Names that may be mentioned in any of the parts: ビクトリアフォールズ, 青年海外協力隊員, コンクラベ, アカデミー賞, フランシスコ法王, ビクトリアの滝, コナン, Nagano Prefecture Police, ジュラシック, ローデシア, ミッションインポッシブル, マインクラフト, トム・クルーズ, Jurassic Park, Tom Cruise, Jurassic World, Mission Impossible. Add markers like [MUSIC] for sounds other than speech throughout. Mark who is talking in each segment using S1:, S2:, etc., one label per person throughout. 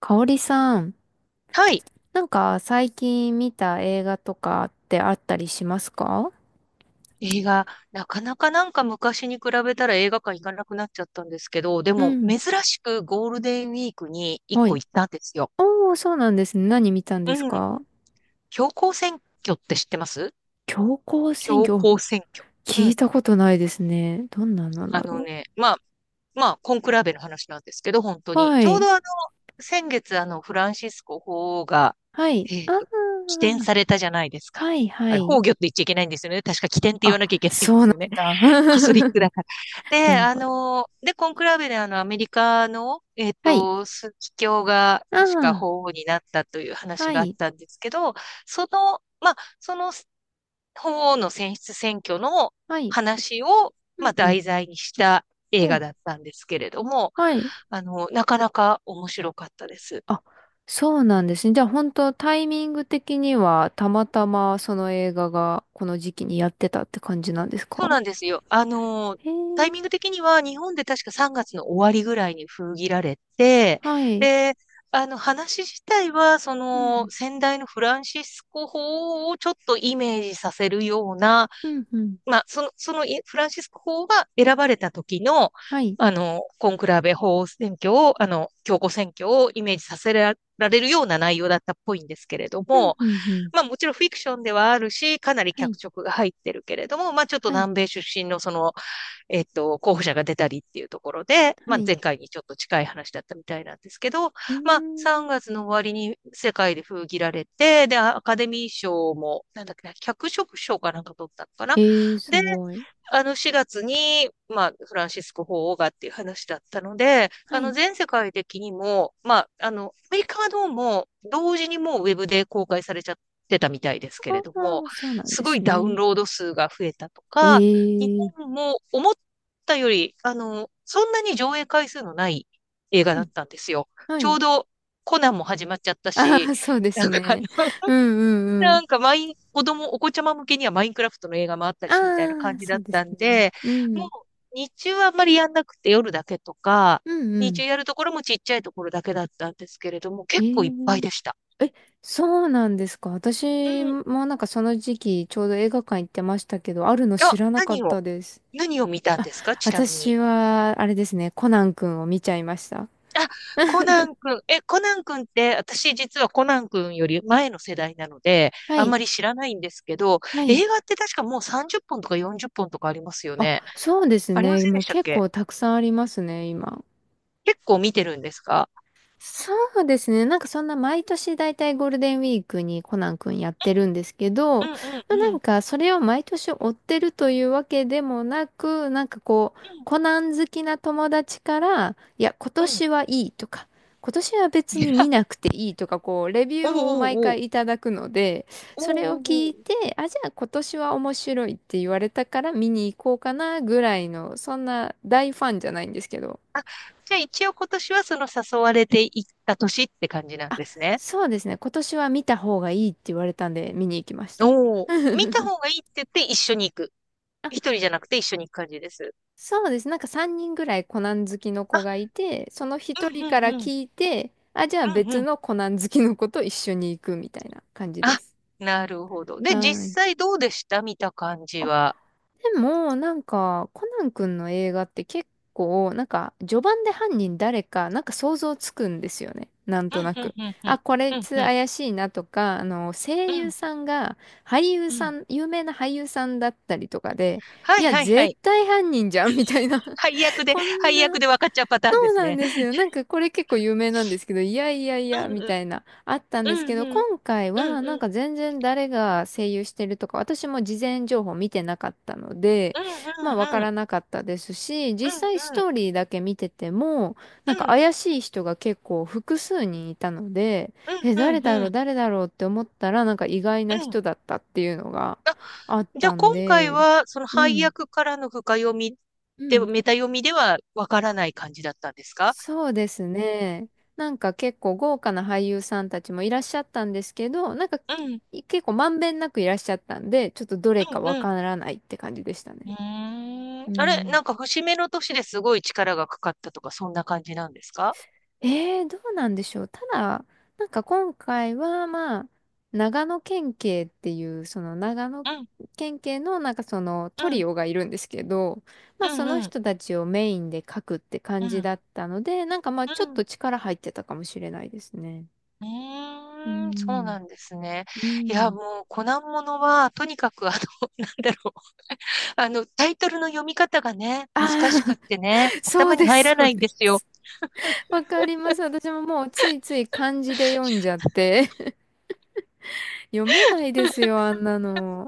S1: かおりさん、
S2: はい。
S1: なんか最近見た映画とかってあったりしますか？
S2: 映画、なかなかなんか昔に比べたら映画館行かなくなっちゃったんですけど、で
S1: う
S2: も
S1: ん。
S2: 珍しくゴールデンウィークに一
S1: は
S2: 個
S1: い。
S2: 行ったんですよ。
S1: おー、そうなんですね。何見たんです
S2: うん。
S1: か？
S2: 強行選挙って知ってます？
S1: 強行選
S2: 強
S1: 挙、お、
S2: 行選挙。
S1: 聞
S2: う
S1: い
S2: ん。
S1: たことないですね。どんなの
S2: あ
S1: だ
S2: の
S1: ろ
S2: ね、まあ、まあ、コンクラベの話なんですけど、本当
S1: う。
S2: に。
S1: は
S2: ちょう
S1: い。
S2: ど先月フランシスコ法王が、
S1: はい。
S2: えっ
S1: あ
S2: と、起点さ
S1: ー。
S2: れたじゃないですか。
S1: はい、は
S2: あれ、
S1: い。
S2: 崩御って言っちゃいけないんですよね。確か起点って言わ
S1: あ、
S2: なきゃいけないんで
S1: そう
S2: す
S1: な
S2: よね。
S1: んだ。[LAUGHS]
S2: カソリックだから。
S1: な
S2: で、
S1: るほど。
S2: コンクラベでアメリカの、
S1: はい。
S2: 枢機卿が
S1: あ
S2: 確か
S1: ー。
S2: 法皇になったという話
S1: は
S2: があっ
S1: い。
S2: たんですけど、その法皇の選出選挙の
S1: はい。
S2: 話を、
S1: う
S2: ま
S1: ん、
S2: あ、
S1: うん。
S2: 題材にした映画
S1: お、
S2: だったんですけれども、
S1: はい。
S2: なかなか面白かったです。
S1: あ、そうなんですね。じゃあ本当タイミング的にはたまたまその映画がこの時期にやってたって感じなんです
S2: そう
S1: か？
S2: なんですよ。
S1: へえ、
S2: タイミング的には日本で確か3月の終わりぐらいに封切られて、
S1: はい。
S2: で、あの話自体は、そ
S1: う
S2: の
S1: ん、
S2: 先代のフランシスコ法をちょっとイメージさせるような、
S1: うん、うん。
S2: まあ、そのフランシスコ法が選ばれた時の、
S1: はい。
S2: コンクラーベ法選挙を、教皇選挙をイメージさせられるような内容だったっぽいんですけれど
S1: うん、
S2: も、
S1: うん、うん。
S2: まあもちろんフィクションではあるし、かなり
S1: はい、
S2: 脚色が入ってるけれども、まあちょっと
S1: はい、
S2: 南米出身のその候補者が出たりっていうところで、
S1: は
S2: まあ、
S1: い。
S2: 前回にちょっと近い話だったみたいなんですけど、
S1: うー
S2: まあ、
S1: ん。
S2: 3月の終わりに世界で封切られて、で、アカデミー賞も、なんだっけな、脚色賞かなんか取ったのかな。
S1: ええ、す
S2: で、
S1: ごい。
S2: 4月に、まあ、フランシスコ法王がっていう話だったので、
S1: はい。
S2: 全世界的にも、まあ、アメリカはどうも、同時にもうウェブで公開されちゃってたみたいですけれども、
S1: ああ、そうなん
S2: す
S1: で
S2: ご
S1: す
S2: いダウン
S1: ね。
S2: ロード数が増えたと
S1: え
S2: か、日
S1: え、
S2: 本も思っったより、そんなに上映回数のない映画
S1: う
S2: だっ
S1: ん、
S2: たんですよ。
S1: は
S2: ちょ
S1: い。
S2: うどコナンも始まっちゃった
S1: [LAUGHS] あ
S2: し、
S1: あ、そうです
S2: なんか
S1: ね。う
S2: [LAUGHS]
S1: ん、うん、う
S2: な
S1: ん。
S2: んかマイン、子供、お子ちゃま向けにはマインクラフトの映画もあったし、みたいな
S1: あ
S2: 感
S1: あ、
S2: じだ
S1: そ
S2: っ
S1: うです
S2: たん
S1: ね。
S2: で、
S1: う
S2: もう
S1: ん、
S2: 日中はあんまりやんなくて夜だけとか、
S1: うん、う
S2: 日
S1: ん。
S2: 中やるところもちっちゃいところだけだったんですけれども、
S1: え
S2: 結構いっぱい
S1: え。
S2: でした。
S1: え、そうなんですか？
S2: う
S1: 私
S2: ん。
S1: もなんかその時期ちょうど映画館行ってましたけど、あるの知
S2: あ、
S1: らなかっ
S2: 何を、
S1: たです。
S2: 何を見たん
S1: あ、
S2: ですか、ちなみ
S1: 私
S2: に？
S1: はあれですね、コナン君を見ちゃいました。
S2: あ、コナン君。え、コナン君って、私実はコナン君より前の世代なので、
S1: は
S2: あん
S1: い、
S2: まり知らないんですけど、
S1: はい。
S2: 映画って確かもう30本とか40本とかありますよ
S1: あ、
S2: ね。
S1: そうです
S2: ありま
S1: ね。
S2: せん
S1: も
S2: で
S1: う
S2: したっ
S1: 結
S2: け？
S1: 構たくさんありますね、今。
S2: 結構見てるんですか？
S1: そうですね。なんかそんな毎年だいたいゴールデンウィークにコナン君やってるんですけど、
S2: うんうん
S1: まあ、
S2: う
S1: なん
S2: ん。
S1: かそれを毎年追ってるというわけでもなく、なんかこう、コナン好きな友達から、いや、今
S2: うんうん。
S1: 年はいいとか、今年は別に見
S2: [LAUGHS]
S1: なくていいとか、こう、レビュ
S2: お
S1: ー
S2: う
S1: を
S2: お
S1: 毎
S2: うおう。
S1: 回いただくので、
S2: お
S1: それを
S2: うおう
S1: 聞
S2: お
S1: い
S2: う。
S1: て、あ、じゃあ今年は面白いって言われたから見に行こうかなぐらいの、そんな大ファンじゃないんですけど、
S2: あ、じゃあ一応今年はその誘われていった年って感じなん
S1: あ、
S2: ですね。
S1: そうですね。今年は見た方がいいって言われたんで見に行きました。
S2: お
S1: [LAUGHS]
S2: お。見た方がいいって言って一緒に行く。
S1: あ、
S2: 一人じゃなくて一緒に行く感じです。
S1: そうです。なんか3人ぐらいコナン好きの
S2: あ、
S1: 子がいて、その
S2: う
S1: 一人
S2: ん
S1: から
S2: うんうん。
S1: 聞いて、あ、じゃあ
S2: うんう
S1: 別
S2: ん。
S1: のコナン好きの子と一緒に行くみたいな感じで
S2: あ、
S1: す。
S2: なるほど。
S1: は
S2: で、実
S1: ーい。
S2: 際どうでした、見た感じは？
S1: でも、なんか、コナン君の映画って結構、なんか、序盤で犯人誰か、なんか想像つくんですよね。なん
S2: う
S1: と
S2: ん、
S1: な
S2: うん、
S1: く。
S2: うん、う
S1: あ、
S2: ん、
S1: これい
S2: うん、
S1: つ
S2: うん、
S1: 怪しいなとか、
S2: う
S1: 声優
S2: ん、
S1: さんが、俳優
S2: う
S1: さ
S2: ん。
S1: ん、有名な俳優さんだったりとかで、
S2: は
S1: い
S2: い、
S1: や、
S2: はい、は
S1: 絶
S2: い。
S1: 対犯人じゃん、みたいな。[LAUGHS]
S2: 配役で、
S1: こん
S2: 配役
S1: な。
S2: で分かっちゃうパターン
S1: そ
S2: で
S1: う
S2: す
S1: なん
S2: ね。
S1: ですよ。なんかこれ結構有名なんですけど、いやいやい
S2: う
S1: や、
S2: ん、
S1: み
S2: うん、
S1: たいな、あったんです
S2: う
S1: け
S2: ん、
S1: ど、
S2: うん、
S1: 今回
S2: うん、
S1: はな
S2: う
S1: ん
S2: ん、
S1: か全然誰が声優してるとか、私も事前情報見てなかったので、
S2: うん、
S1: まあわ
S2: う
S1: か
S2: ん、う
S1: ら
S2: ん、
S1: なかったですし、
S2: う
S1: 実
S2: ん、
S1: 際ス
S2: う
S1: トーリーだけ見てても、なん
S2: ん、
S1: か
S2: うん、
S1: 怪しい人が結構複数人いたので、え、
S2: う
S1: 誰
S2: ん、
S1: だ
S2: う
S1: ろう、
S2: ん。
S1: 誰だろうって思ったら、なんか意外
S2: う
S1: な
S2: ん。
S1: 人だったっていうのがあっ
S2: じゃあ
S1: たん
S2: 今回
S1: で、
S2: は、その
S1: う
S2: 配
S1: ん。
S2: 役からの深読み
S1: う
S2: で、
S1: ん、
S2: メタ読みでは分からない感じだったんですか？
S1: そうですね。なんか結構豪華な俳優さんたちもいらっしゃったんですけど、なんか
S2: うん、
S1: 結構まんべんなくいらっしゃったんで、ちょっとどれかわ
S2: うん、
S1: からないって感じでした
S2: う
S1: ね。
S2: ーん。
S1: う
S2: あれ、
S1: ん。
S2: なんか節目の年ですごい力がかかったとか、そんな感じなんですか？
S1: どうなんでしょう。ただ、なんか今回はまあ、長野県警っていう、その長野
S2: うん、
S1: 県警のなんかそのト
S2: うん、
S1: リオがいるんですけど、ま
S2: う
S1: あそ
S2: ん、
S1: の
S2: うん、
S1: 人たちをメインで書くって
S2: う
S1: 感じ
S2: ん、
S1: だったので、なんかまあち
S2: う
S1: ょっと
S2: ん。
S1: 力入ってたかもしれないですね。
S2: う
S1: う
S2: ーん、そう
S1: ん
S2: なんですね。
S1: う
S2: いや、
S1: ん。
S2: もう、コナンものは、とにかく、[LAUGHS] なんだろう。タイトルの読み方がね、
S1: あ
S2: 難
S1: あ、
S2: しくっ
S1: [LAUGHS]
S2: てね、
S1: そ
S2: 頭
S1: う
S2: に
S1: で
S2: 入
S1: す、
S2: ら
S1: そう
S2: ないん
S1: で
S2: ですよ。
S1: す。わかります。私ももうついつい漢字で読んじゃって。[LAUGHS] 読めないですよ、あんなの。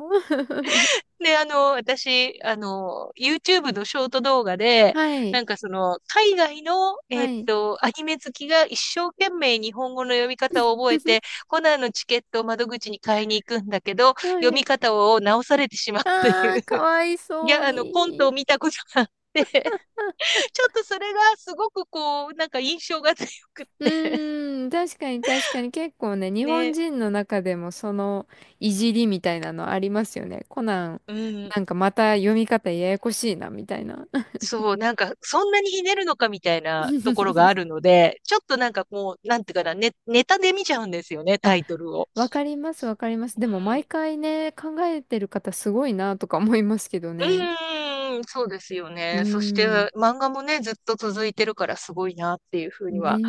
S2: で、私、YouTube のショート動画で、
S1: はい、
S2: なんか海外の、
S1: はい。
S2: アニメ好きが一生懸命日本語の読み方を覚えて、
S1: [LAUGHS]
S2: コナンのチケットを窓口に買いに行くんだけど、
S1: は
S2: 読み
S1: い。
S2: 方を直されてしまうとい
S1: ああ、
S2: う、
S1: かわい
S2: い
S1: そう
S2: や、コント
S1: に。
S2: を見たことがあって、ちょっとそれがすごくなんか印象が強くっ
S1: う
S2: て、
S1: ーん、確かに確かに結構ね、日本
S2: ね、
S1: 人の中でもそのいじりみたいなのありますよね。コナン、
S2: うん。
S1: なんかまた読み方ややこしいな、みたいな。
S2: そう、なんか、そんなにひねるのかみたいなところがあ
S1: [LAUGHS]
S2: るので、ちょっとなんかなんていうかな、ね、ネタで見ちゃうんですよね、タ
S1: あ、
S2: イトルを。
S1: わかります、わかります。でも毎回ね、考えてる方すごいなとか思いますけど
S2: うん、
S1: ね。
S2: うーん、そうですよ
S1: うー
S2: ね。そして、
S1: ん。
S2: 漫画もね、ずっと続いてるからすごいなっていうふうに
S1: ね
S2: は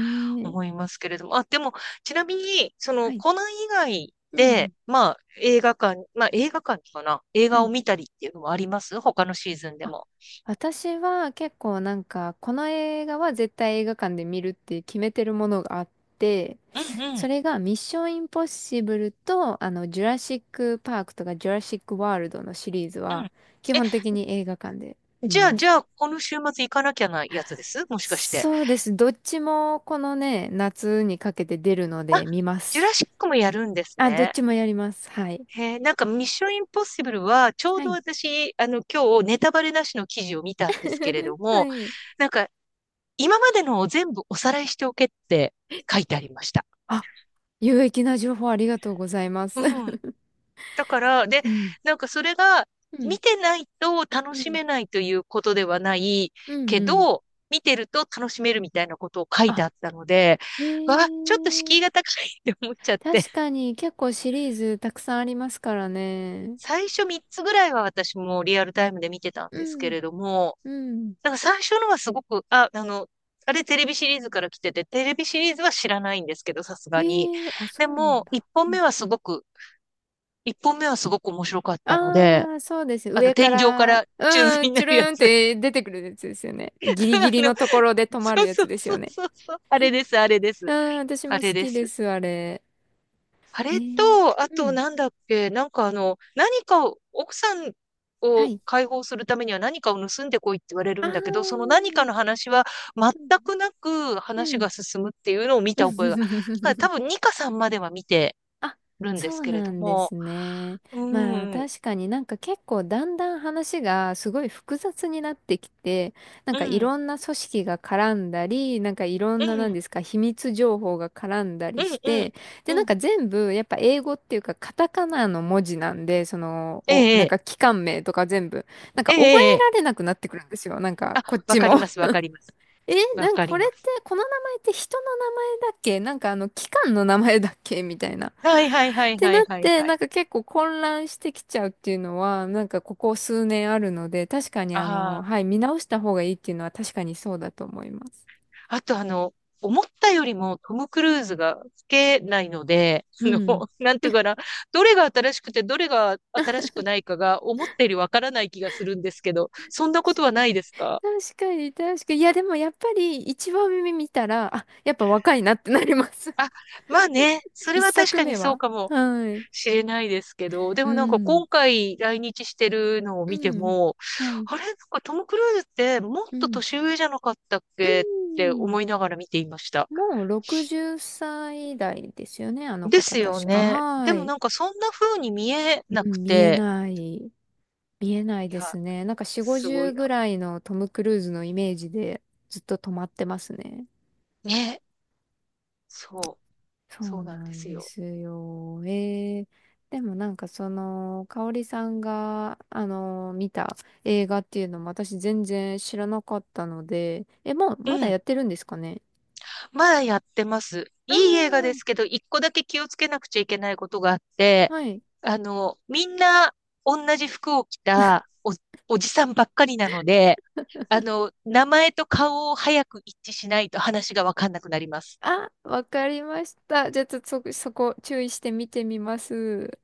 S1: え。
S2: 思いますけれども。あ、でも、ちなみに、
S1: はい。
S2: コナン以外
S1: うんうん。
S2: で、まあ、映画館かな映
S1: は
S2: 画を
S1: い。
S2: 見たりっていうのもあります、他のシーズンで
S1: あ、
S2: も？
S1: 私は結構なんか、この映画は絶対映画館で見るって決めてるものがあって、
S2: うん、う
S1: そ
S2: ん、
S1: れがミッションインポッシブルと、ジュラシックパークとかジュラシックワールドのシリーズ
S2: うん。
S1: は、基
S2: え、
S1: 本的に映画館で見
S2: じゃあ、
S1: ま
S2: じ
S1: す。
S2: ゃあ、この週末行かなきゃなやつですもしかして？
S1: そうです。どっちもこのね、夏にかけて出るの
S2: あ、
S1: で見ま
S2: ジュ
S1: す。
S2: ラシックもやるんです
S1: あ、どっ
S2: ね。
S1: ちもやります。はい。
S2: へえ、なんかミッションインポッシブルは、ちょう
S1: は
S2: ど
S1: い。
S2: 私、今日ネタバレなしの記事を見たんですけれど
S1: [LAUGHS] は
S2: も、
S1: い。
S2: なんか、今までのを全部おさらいしておけって書いてありました。
S1: あ、有益な情報ありがとうございます。
S2: うん。
S1: [LAUGHS]
S2: だから、で、
S1: うん。
S2: なんかそれが、
S1: うん。
S2: 見てないと楽
S1: う
S2: し
S1: ん。
S2: めないということではない
S1: うん
S2: け
S1: うん。
S2: ど、見てると楽しめるみたいなことを書いて
S1: あ、
S2: あったので、
S1: へ
S2: わあ、ちょっと
S1: え。
S2: 敷居が高いって思っちゃって。
S1: 確かに結構シリーズたくさんありますからね。
S2: 最初3つぐらいは私もリアルタイムで見てたん
S1: う
S2: ですけ
S1: ん。
S2: れども、
S1: うん。
S2: なんか最初のはすごく、あ、あれテレビシリーズから来てて、テレビシリーズは知らないんですけど、さすがに。
S1: へえ、あ、そ
S2: で
S1: うなん
S2: も、1
S1: だ。
S2: 本目はすごく、一本目はすごく面白かったので、
S1: ああ、そうです。上か
S2: 天井か
S1: ら、
S2: ら宙吊
S1: う
S2: り
S1: ん、
S2: にな
S1: チュル
S2: るや
S1: ーンっ
S2: つ。
S1: て出てくるやつですよね。ギリ
S2: [LAUGHS]
S1: ギ
S2: あ
S1: リ
S2: の、
S1: のところで止ま
S2: そ
S1: る
S2: う
S1: や
S2: そう
S1: つです
S2: そう
S1: よね。
S2: そうそう。あれです、あれで
S1: う
S2: す。
S1: ん、私
S2: あ
S1: も
S2: れ
S1: 好
S2: で
S1: きで
S2: す。
S1: す、あれ。
S2: あ
S1: え
S2: れ
S1: ー、
S2: と、あ
S1: う
S2: と
S1: ん。
S2: なんだっけ、なんか何かを、奥さん
S1: は
S2: を
S1: い。
S2: 解放するためには何かを盗んでこいって言われ
S1: あ
S2: るんだけど、その
S1: あ、
S2: 何かの話は全
S1: うん。
S2: くなく
S1: う
S2: 話
S1: ん。
S2: が進むっていうのを見た覚えが。だから多
S1: [LAUGHS]
S2: 分2かさんまでは見て
S1: あ、
S2: るんで
S1: そ
S2: す
S1: う
S2: けれ
S1: な
S2: ど
S1: んで
S2: も、
S1: すね。
S2: うん、
S1: まあ
S2: うん、
S1: 確かになんか結構だんだん話がすごい複雑になってきて、なん
S2: う
S1: かい
S2: ん、
S1: ろんな組織が絡んだり、なんかいろん
S2: う
S1: ななん
S2: ん、
S1: ですか秘密情報が絡んだり
S2: う
S1: し
S2: ん、うん、
S1: て、でなんか全部やっぱ英語っていうかカタカナの文字なんで、その、
S2: え
S1: お、なん
S2: え、
S1: か機関名とか全部、なんか
S2: ええ、え
S1: 覚
S2: え、
S1: え
S2: ええ。
S1: られなくなってくるんですよ。なんか
S2: あ、
S1: こっ
S2: わ
S1: ち
S2: か
S1: も。
S2: ります、わ
S1: [LAUGHS]
S2: かります。
S1: え、
S2: わ
S1: なん
S2: か
S1: かこ
S2: り
S1: れ
S2: ま
S1: って、
S2: す。
S1: この名前って人の名前だっけなんかあの機関の名前だっけみたいな。っ
S2: はいはいはい
S1: て
S2: は
S1: な
S2: い
S1: っ
S2: はい
S1: て、
S2: は
S1: な
S2: い。
S1: んか結構混乱してきちゃうっていうのは、なんかここ数年あるので、確かにあ
S2: あ
S1: の、
S2: あ。
S1: はい、見直した方がいいっていうのは確かにそうだと思います。
S2: あと思ったよりもトム・クルーズが老けないので、[LAUGHS]
S1: うん。
S2: なんていうかな、どれが新しくてどれが新しくないかが思ったよりわからない気がするんですけど、そんなことはないですか？
S1: 確かに、確かに。いや、でもやっぱり一番目見たら、あ、やっぱ若いなってなります。
S2: あ、まあね、そ
S1: [LAUGHS]
S2: れ
S1: 一
S2: は確
S1: 作
S2: かに
S1: 目
S2: そう
S1: は。
S2: かも
S1: はい。
S2: しれないですけど、で
S1: う
S2: もなんか
S1: ん。
S2: 今回来日してるのを
S1: う
S2: 見て
S1: ん。
S2: も、
S1: はい。
S2: あれ、なんかトム・クルーズってもっ
S1: う
S2: と
S1: ん。
S2: 年上じゃなかったっ
S1: う
S2: けって
S1: ん。
S2: 思いながら見ていました。
S1: もう60歳代ですよね、あの
S2: で
S1: 方
S2: すよ
S1: 確か。
S2: ね。
S1: は
S2: でも
S1: い。
S2: なんかそんな風に見えな
S1: う
S2: く
S1: ん、見え
S2: て、
S1: ない。見えない
S2: い
S1: で
S2: や、
S1: すね。なんか4、
S2: すご
S1: 50
S2: いな。
S1: ぐらいのトム・クルーズのイメージでずっと止まってますね。
S2: ね。そう。
S1: そ
S2: そ
S1: う
S2: うなん
S1: な
S2: で
S1: ん
S2: す
S1: で
S2: よ。
S1: すよ。でもなんかその、香織さんが、見た映画っていうのも私全然知らなかったので、え、もう
S2: う
S1: まだ
S2: ん。
S1: やってるんですかね？
S2: まだやってます。いい映画で
S1: あ
S2: すけど、一個だけ気をつけなくちゃいけないことがあっ
S1: あ、
S2: て、
S1: はい。
S2: みんな同じ服を着たおじさんばっかりなので、名前と顔を早く一致しないと話がわかんなくなります。
S1: あ、わかりました。じゃあ、ちょっとそこ注意して見てみます。